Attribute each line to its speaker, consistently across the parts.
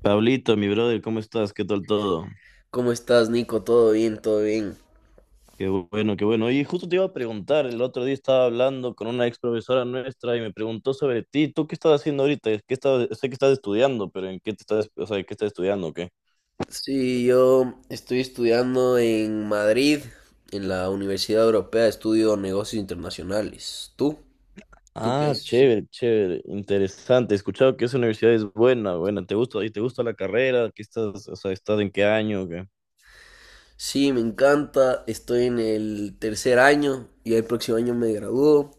Speaker 1: Pablito, mi brother, ¿cómo estás? ¿Qué tal todo?
Speaker 2: ¿Cómo estás, Nico? ¿Todo bien? ¿Todo bien?
Speaker 1: Qué bueno, qué bueno. Y justo te iba a preguntar, el otro día estaba hablando con una ex profesora nuestra y me preguntó sobre ti. ¿Tú qué estás haciendo ahorita? Sé que estás estudiando, pero, ¿en qué te estás, o sea, ¿qué estás estudiando o qué?
Speaker 2: Sí, yo estoy estudiando en Madrid, en la Universidad Europea, estudio negocios internacionales. ¿Tú qué
Speaker 1: Ah,
Speaker 2: haces?
Speaker 1: chévere, chévere, interesante. He escuchado que esa universidad es buena, buena. ¿Te gusta? ¿Y te gusta la carrera? O sea, ¿estás en qué año o qué?
Speaker 2: Sí, me encanta, estoy en el tercer año y el próximo año me gradúo.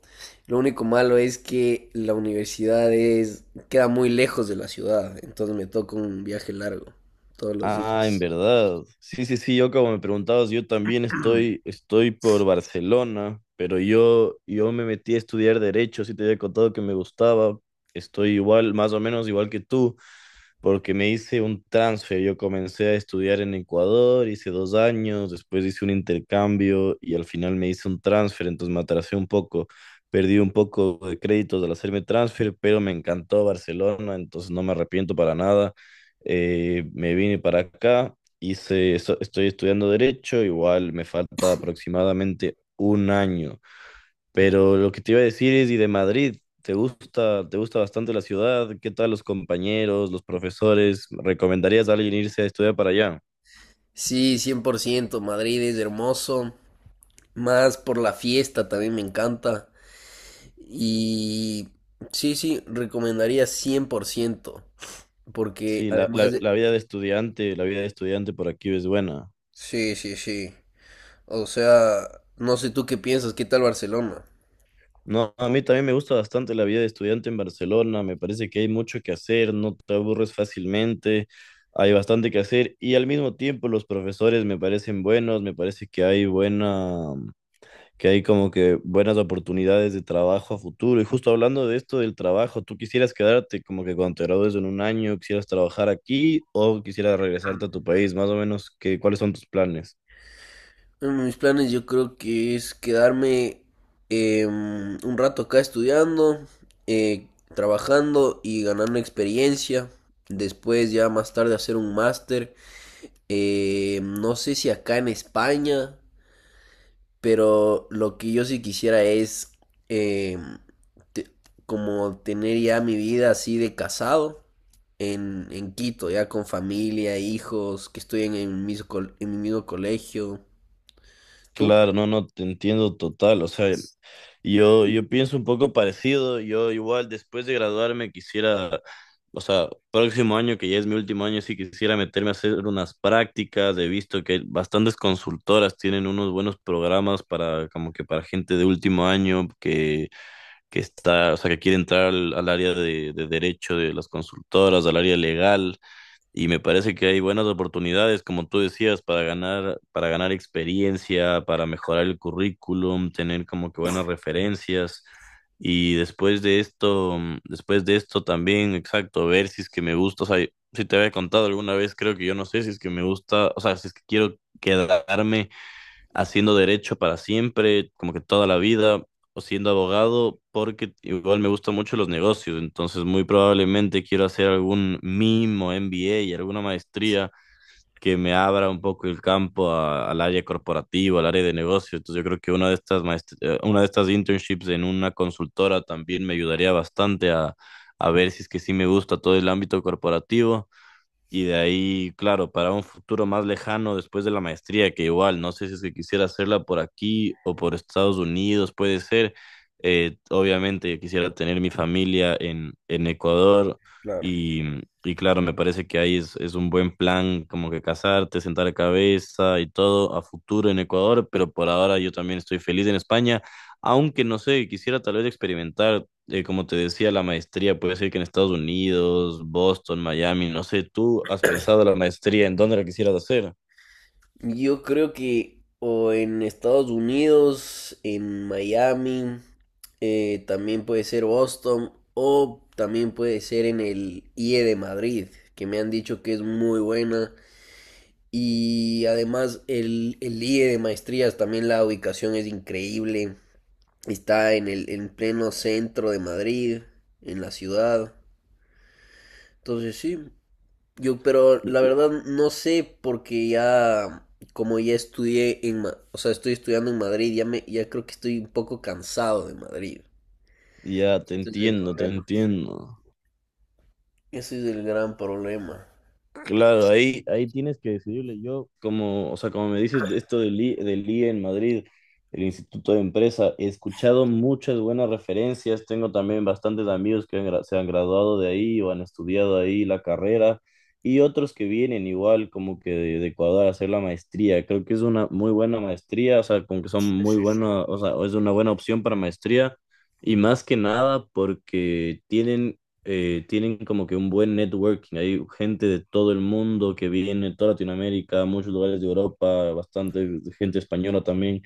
Speaker 2: Lo único malo es que la universidad queda muy lejos de la ciudad, entonces me toca un viaje largo todos los
Speaker 1: Ah, en
Speaker 2: días.
Speaker 1: verdad. Sí, sí, sí, yo como me preguntabas, yo también estoy por Barcelona, pero yo me metí a estudiar derecho, sí te había contado que me gustaba. Estoy igual, más o menos igual que tú porque me hice un transfer. Yo comencé a estudiar en Ecuador, hice 2 años, después hice un intercambio y al final me hice un transfer, entonces me atrasé un poco, perdí un poco de créditos al hacerme transfer, pero me encantó Barcelona, entonces no me arrepiento para nada. Me vine para acá, estoy estudiando derecho, igual me falta aproximadamente un año. Pero lo que te iba a decir es, y de Madrid, ¿te gusta bastante la ciudad? ¿Qué tal los compañeros, los profesores? ¿Recomendarías a alguien irse a estudiar para allá?
Speaker 2: Sí, 100%. Madrid es hermoso. Más por la fiesta también me encanta. Y sí, sí, recomendaría 100%. Porque
Speaker 1: Sí, la,
Speaker 2: además
Speaker 1: la,
Speaker 2: de...
Speaker 1: la vida de estudiante por aquí es buena.
Speaker 2: Sí, sí, sí. O sea, no sé tú qué piensas, ¿qué tal Barcelona?
Speaker 1: No, a mí también me gusta bastante la vida de estudiante en Barcelona, me parece que hay mucho que hacer, no te aburres fácilmente, hay bastante que hacer y al mismo tiempo los profesores me parecen buenos, me parece que hay que hay como que buenas oportunidades de trabajo a futuro. Y justo hablando de esto del trabajo, ¿tú quisieras quedarte como que cuando te gradúes en un año, quisieras trabajar aquí o quisieras regresarte a tu país? Más o menos, qué ¿cuáles son tus planes?
Speaker 2: En mis planes yo creo que es quedarme un rato acá estudiando, eh, trabajando y ganando experiencia. Después ya más tarde hacer un máster. No sé si acá en España. Pero lo que yo sí quisiera es eh, te- como tener ya mi vida así de casado en Quito, ya con familia, hijos, que estoy en en mi mismo colegio. ¿Tú?
Speaker 1: Claro, no, no, te entiendo total. O sea, yo pienso un poco parecido, yo igual después de graduarme quisiera, o sea, próximo año que ya es mi último año, sí quisiera meterme a hacer unas prácticas, he visto que bastantes consultoras tienen unos buenos programas para como que para gente de último año que está, o sea, que quiere entrar al área de derecho de las consultoras, al área legal. Y me parece que hay buenas oportunidades, como tú decías, para ganar experiencia, para mejorar el currículum, tener como que buenas referencias. Y después de esto también, exacto, ver si es que me gusta. O sea, si te había contado alguna vez, creo que yo no sé si es que me gusta, o sea, si es que quiero quedarme haciendo derecho para siempre, como que toda la vida, o siendo abogado, porque igual me gustan mucho los negocios, entonces muy probablemente quiero hacer algún MIM o MBA y alguna maestría que me abra un poco el campo al área corporativa, al área de negocios. Entonces yo creo que una de estas internships en una consultora también me ayudaría bastante a ver si es que sí me gusta todo el ámbito corporativo. Y de ahí, claro, para un futuro más lejano después de la maestría, que igual, no sé si es que quisiera hacerla por aquí o por Estados Unidos, puede ser. Obviamente yo quisiera tener mi familia en Ecuador
Speaker 2: Claro.
Speaker 1: y, y claro, me parece que ahí es un buen plan como que casarte, sentar cabeza y todo a futuro en Ecuador, pero por ahora yo también estoy feliz en España, aunque no sé, quisiera tal vez experimentar como te decía, la maestría puede ser que en Estados Unidos, Boston, Miami, no sé, tú has pensado la maestría en dónde la quisieras hacer.
Speaker 2: Yo creo que o en Estados Unidos, en Miami, también puede ser Boston o también puede ser en el IE de Madrid, que me han dicho que es muy buena. Y además el IE de maestrías, también la ubicación es increíble. Está en el en pleno centro de Madrid, en la ciudad. Entonces sí, yo pero la verdad no sé porque ya como ya estudié o sea, estoy estudiando en Madrid, ya creo que estoy un poco cansado de Madrid.
Speaker 1: Ya te
Speaker 2: Ese es el
Speaker 1: entiendo, te
Speaker 2: problema.
Speaker 1: entiendo.
Speaker 2: Ese es el gran problema.
Speaker 1: Claro, ahí tienes que decidirle. Yo, como, o sea, como me dices de esto del IE en Madrid, el Instituto de Empresa, he escuchado muchas buenas referencias. Tengo también bastantes amigos que se han graduado de ahí o han estudiado ahí la carrera y otros que vienen igual como que de Ecuador a hacer la maestría. Creo que es una muy buena maestría, o sea, como que son muy buenas, o sea, es una buena opción para maestría y más que nada porque tienen como que un buen networking. Hay gente de todo el mundo que viene, toda Latinoamérica, muchos lugares de Europa, bastante gente española también,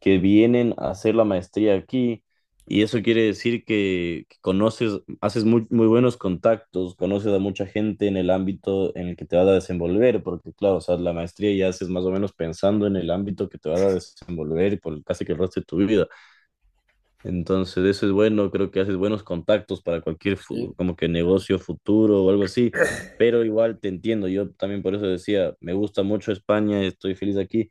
Speaker 1: que vienen a hacer la maestría aquí. Y eso quiere decir que conoces, haces muy, muy buenos contactos, conoces a mucha gente en el ámbito en el que te vas a desenvolver, porque claro, o sea, la maestría ya haces más o menos pensando en el ámbito que te vas a desenvolver por casi que el resto de tu vida. Entonces, eso es bueno, creo que haces buenos contactos para cualquier
Speaker 2: Sí.
Speaker 1: como que negocio futuro o algo así, pero igual te entiendo, yo también por eso decía, me gusta mucho España, estoy feliz aquí,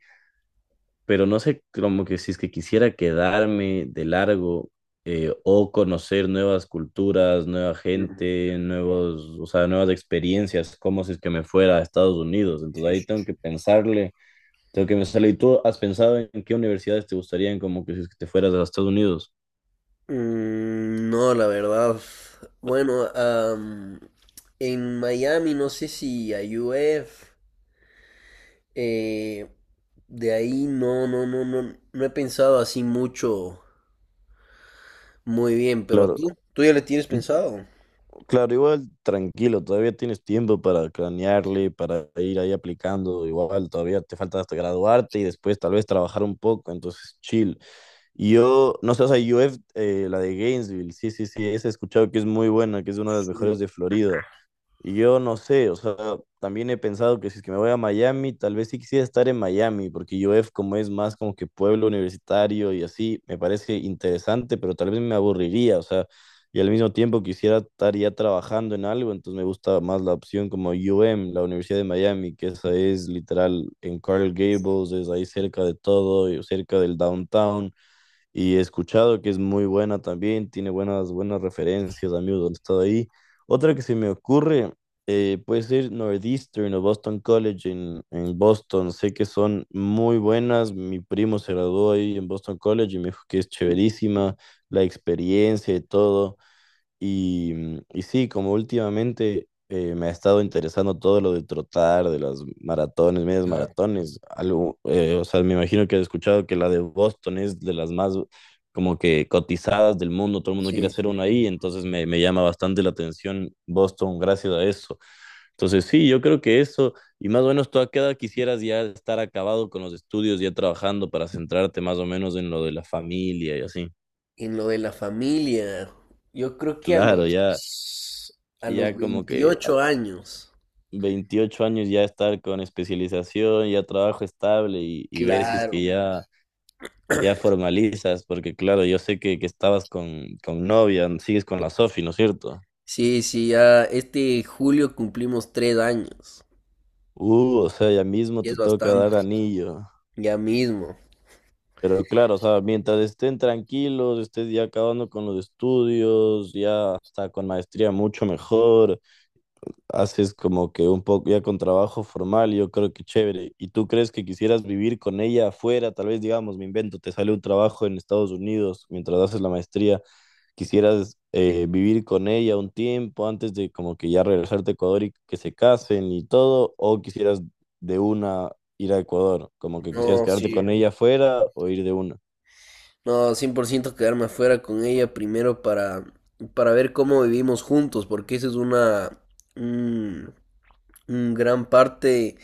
Speaker 1: pero no sé como que si es que quisiera quedarme de largo o conocer nuevas culturas, nueva
Speaker 2: Sí,
Speaker 1: gente, o sea, nuevas experiencias, como si es que me fuera a Estados Unidos, entonces
Speaker 2: sí,
Speaker 1: ahí
Speaker 2: sí.
Speaker 1: tengo que pensarle, ¿y tú has pensado en qué universidades te gustarían como que si es que te fueras a Estados Unidos?
Speaker 2: No, la verdad. Bueno, en Miami no sé si a UF, eh, de ahí no, no, no, no, no he pensado así mucho, muy bien, pero
Speaker 1: Claro.
Speaker 2: tú ya le tienes pensado.
Speaker 1: Claro, igual tranquilo, todavía tienes tiempo para cranearle, para ir ahí aplicando, igual todavía te falta hasta graduarte y después tal vez trabajar un poco, entonces chill. Y yo, no sé, o sea, UF, la de Gainesville, sí, sí, sí, esa he escuchado que es muy buena, que es una de las
Speaker 2: Mm,
Speaker 1: mejores de Florida. Y yo no sé, o sea, también he pensado que si es que me voy a Miami, tal vez sí quisiera estar en Miami, porque UF como es más como que pueblo universitario y así, me parece interesante, pero tal vez me aburriría, o sea, y al mismo tiempo quisiera estar ya trabajando en algo, entonces me gusta más la opción como UM, la Universidad de Miami, que esa es literal en Coral Gables, es ahí cerca de todo, y cerca del downtown y he escuchado que es muy buena también, tiene buenas, buenas referencias, amigos han estado ahí. Otra que se me ocurre puede ser Northeastern o Boston College en Boston, sé que son muy buenas, mi primo se graduó ahí en Boston College y me dijo que es chéverísima la experiencia y todo. Y sí, como últimamente me ha estado interesando todo lo de trotar, de las maratones, medias
Speaker 2: claro,
Speaker 1: maratones, algo, o sea, me imagino que has escuchado que la de Boston es de las más como que cotizadas del mundo, todo el mundo quiere
Speaker 2: sí,
Speaker 1: hacer
Speaker 2: sí,
Speaker 1: una
Speaker 2: sí.
Speaker 1: ahí, entonces me llama bastante la atención Boston gracias a eso. Entonces sí, yo creo que eso, y más o menos tú a qué edad quisieras ya estar acabado con los estudios, ya trabajando para centrarte más o menos en lo de la familia y así.
Speaker 2: En lo de la familia, yo creo que a
Speaker 1: Claro, ya,
Speaker 2: los, a los
Speaker 1: ya como que
Speaker 2: 28 años.
Speaker 1: 28 años ya estar con especialización, ya trabajo estable y ver si es que
Speaker 2: Claro.
Speaker 1: ya, ya formalizas, porque claro, yo sé que estabas con novia, ¿no? Sigues con la Sofi, ¿no es cierto?
Speaker 2: Sí, sí, ya este julio cumplimos 3 años.
Speaker 1: O sea, ya mismo
Speaker 2: Y es
Speaker 1: te toca
Speaker 2: bastante.
Speaker 1: dar anillo.
Speaker 2: Ya mismo.
Speaker 1: Pero claro, o sea, mientras estén tranquilos, estés ya acabando con los estudios, ya hasta con maestría mucho mejor. Haces como que un poco ya con trabajo formal, yo creo que chévere. ¿Y tú crees que quisieras vivir con ella afuera? Tal vez, digamos, me invento, te sale un trabajo en Estados Unidos mientras haces la maestría, quisieras vivir con ella un tiempo antes de como que ya regresarte a Ecuador y que se casen y todo, o quisieras de una ir a Ecuador, como que quisieras
Speaker 2: No,
Speaker 1: quedarte
Speaker 2: sí.
Speaker 1: con ella afuera o ir de una.
Speaker 2: No, 100% quedarme afuera con ella primero para ver cómo vivimos juntos, porque esa es un, un gran parte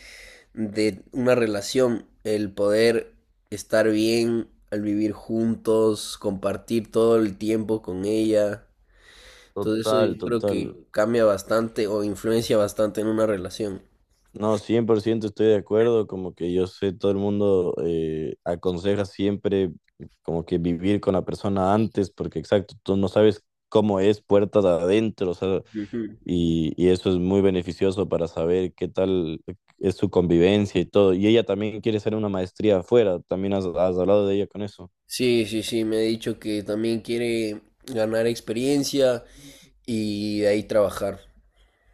Speaker 2: de una relación, el poder estar bien al vivir juntos, compartir todo el tiempo con ella. Entonces eso
Speaker 1: Total,
Speaker 2: yo creo que
Speaker 1: total.
Speaker 2: cambia bastante o influencia bastante en una relación.
Speaker 1: No, 100% estoy de acuerdo, como que yo sé, todo el mundo aconseja siempre como que vivir con la persona antes, porque exacto, tú no sabes cómo es puertas adentro, o sea,
Speaker 2: Ujú.
Speaker 1: y eso es muy beneficioso para saber qué tal es su convivencia y todo. Y ella también quiere hacer una maestría afuera, también has hablado de ella con eso.
Speaker 2: Sí, sí, sí, me ha dicho que también quiere ganar experiencia, y de ahí trabajar.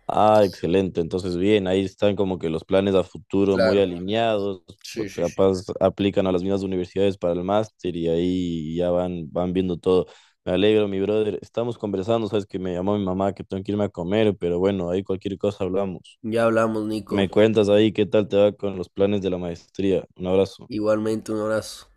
Speaker 1: Ah, excelente. Entonces, bien, ahí están como que los planes a futuro muy
Speaker 2: Claro,
Speaker 1: alineados.
Speaker 2: sí,
Speaker 1: Pues,
Speaker 2: sí, sí.
Speaker 1: capaz aplican a las mismas universidades para el máster y ahí ya van viendo todo. Me alegro, mi brother. Estamos conversando, sabes que me llamó mi mamá que tengo que irme a comer, pero bueno, ahí cualquier cosa hablamos.
Speaker 2: Ya hablamos, Nico.
Speaker 1: Me cuentas ahí qué tal te va con los planes de la maestría. Un abrazo.
Speaker 2: Igualmente, un abrazo.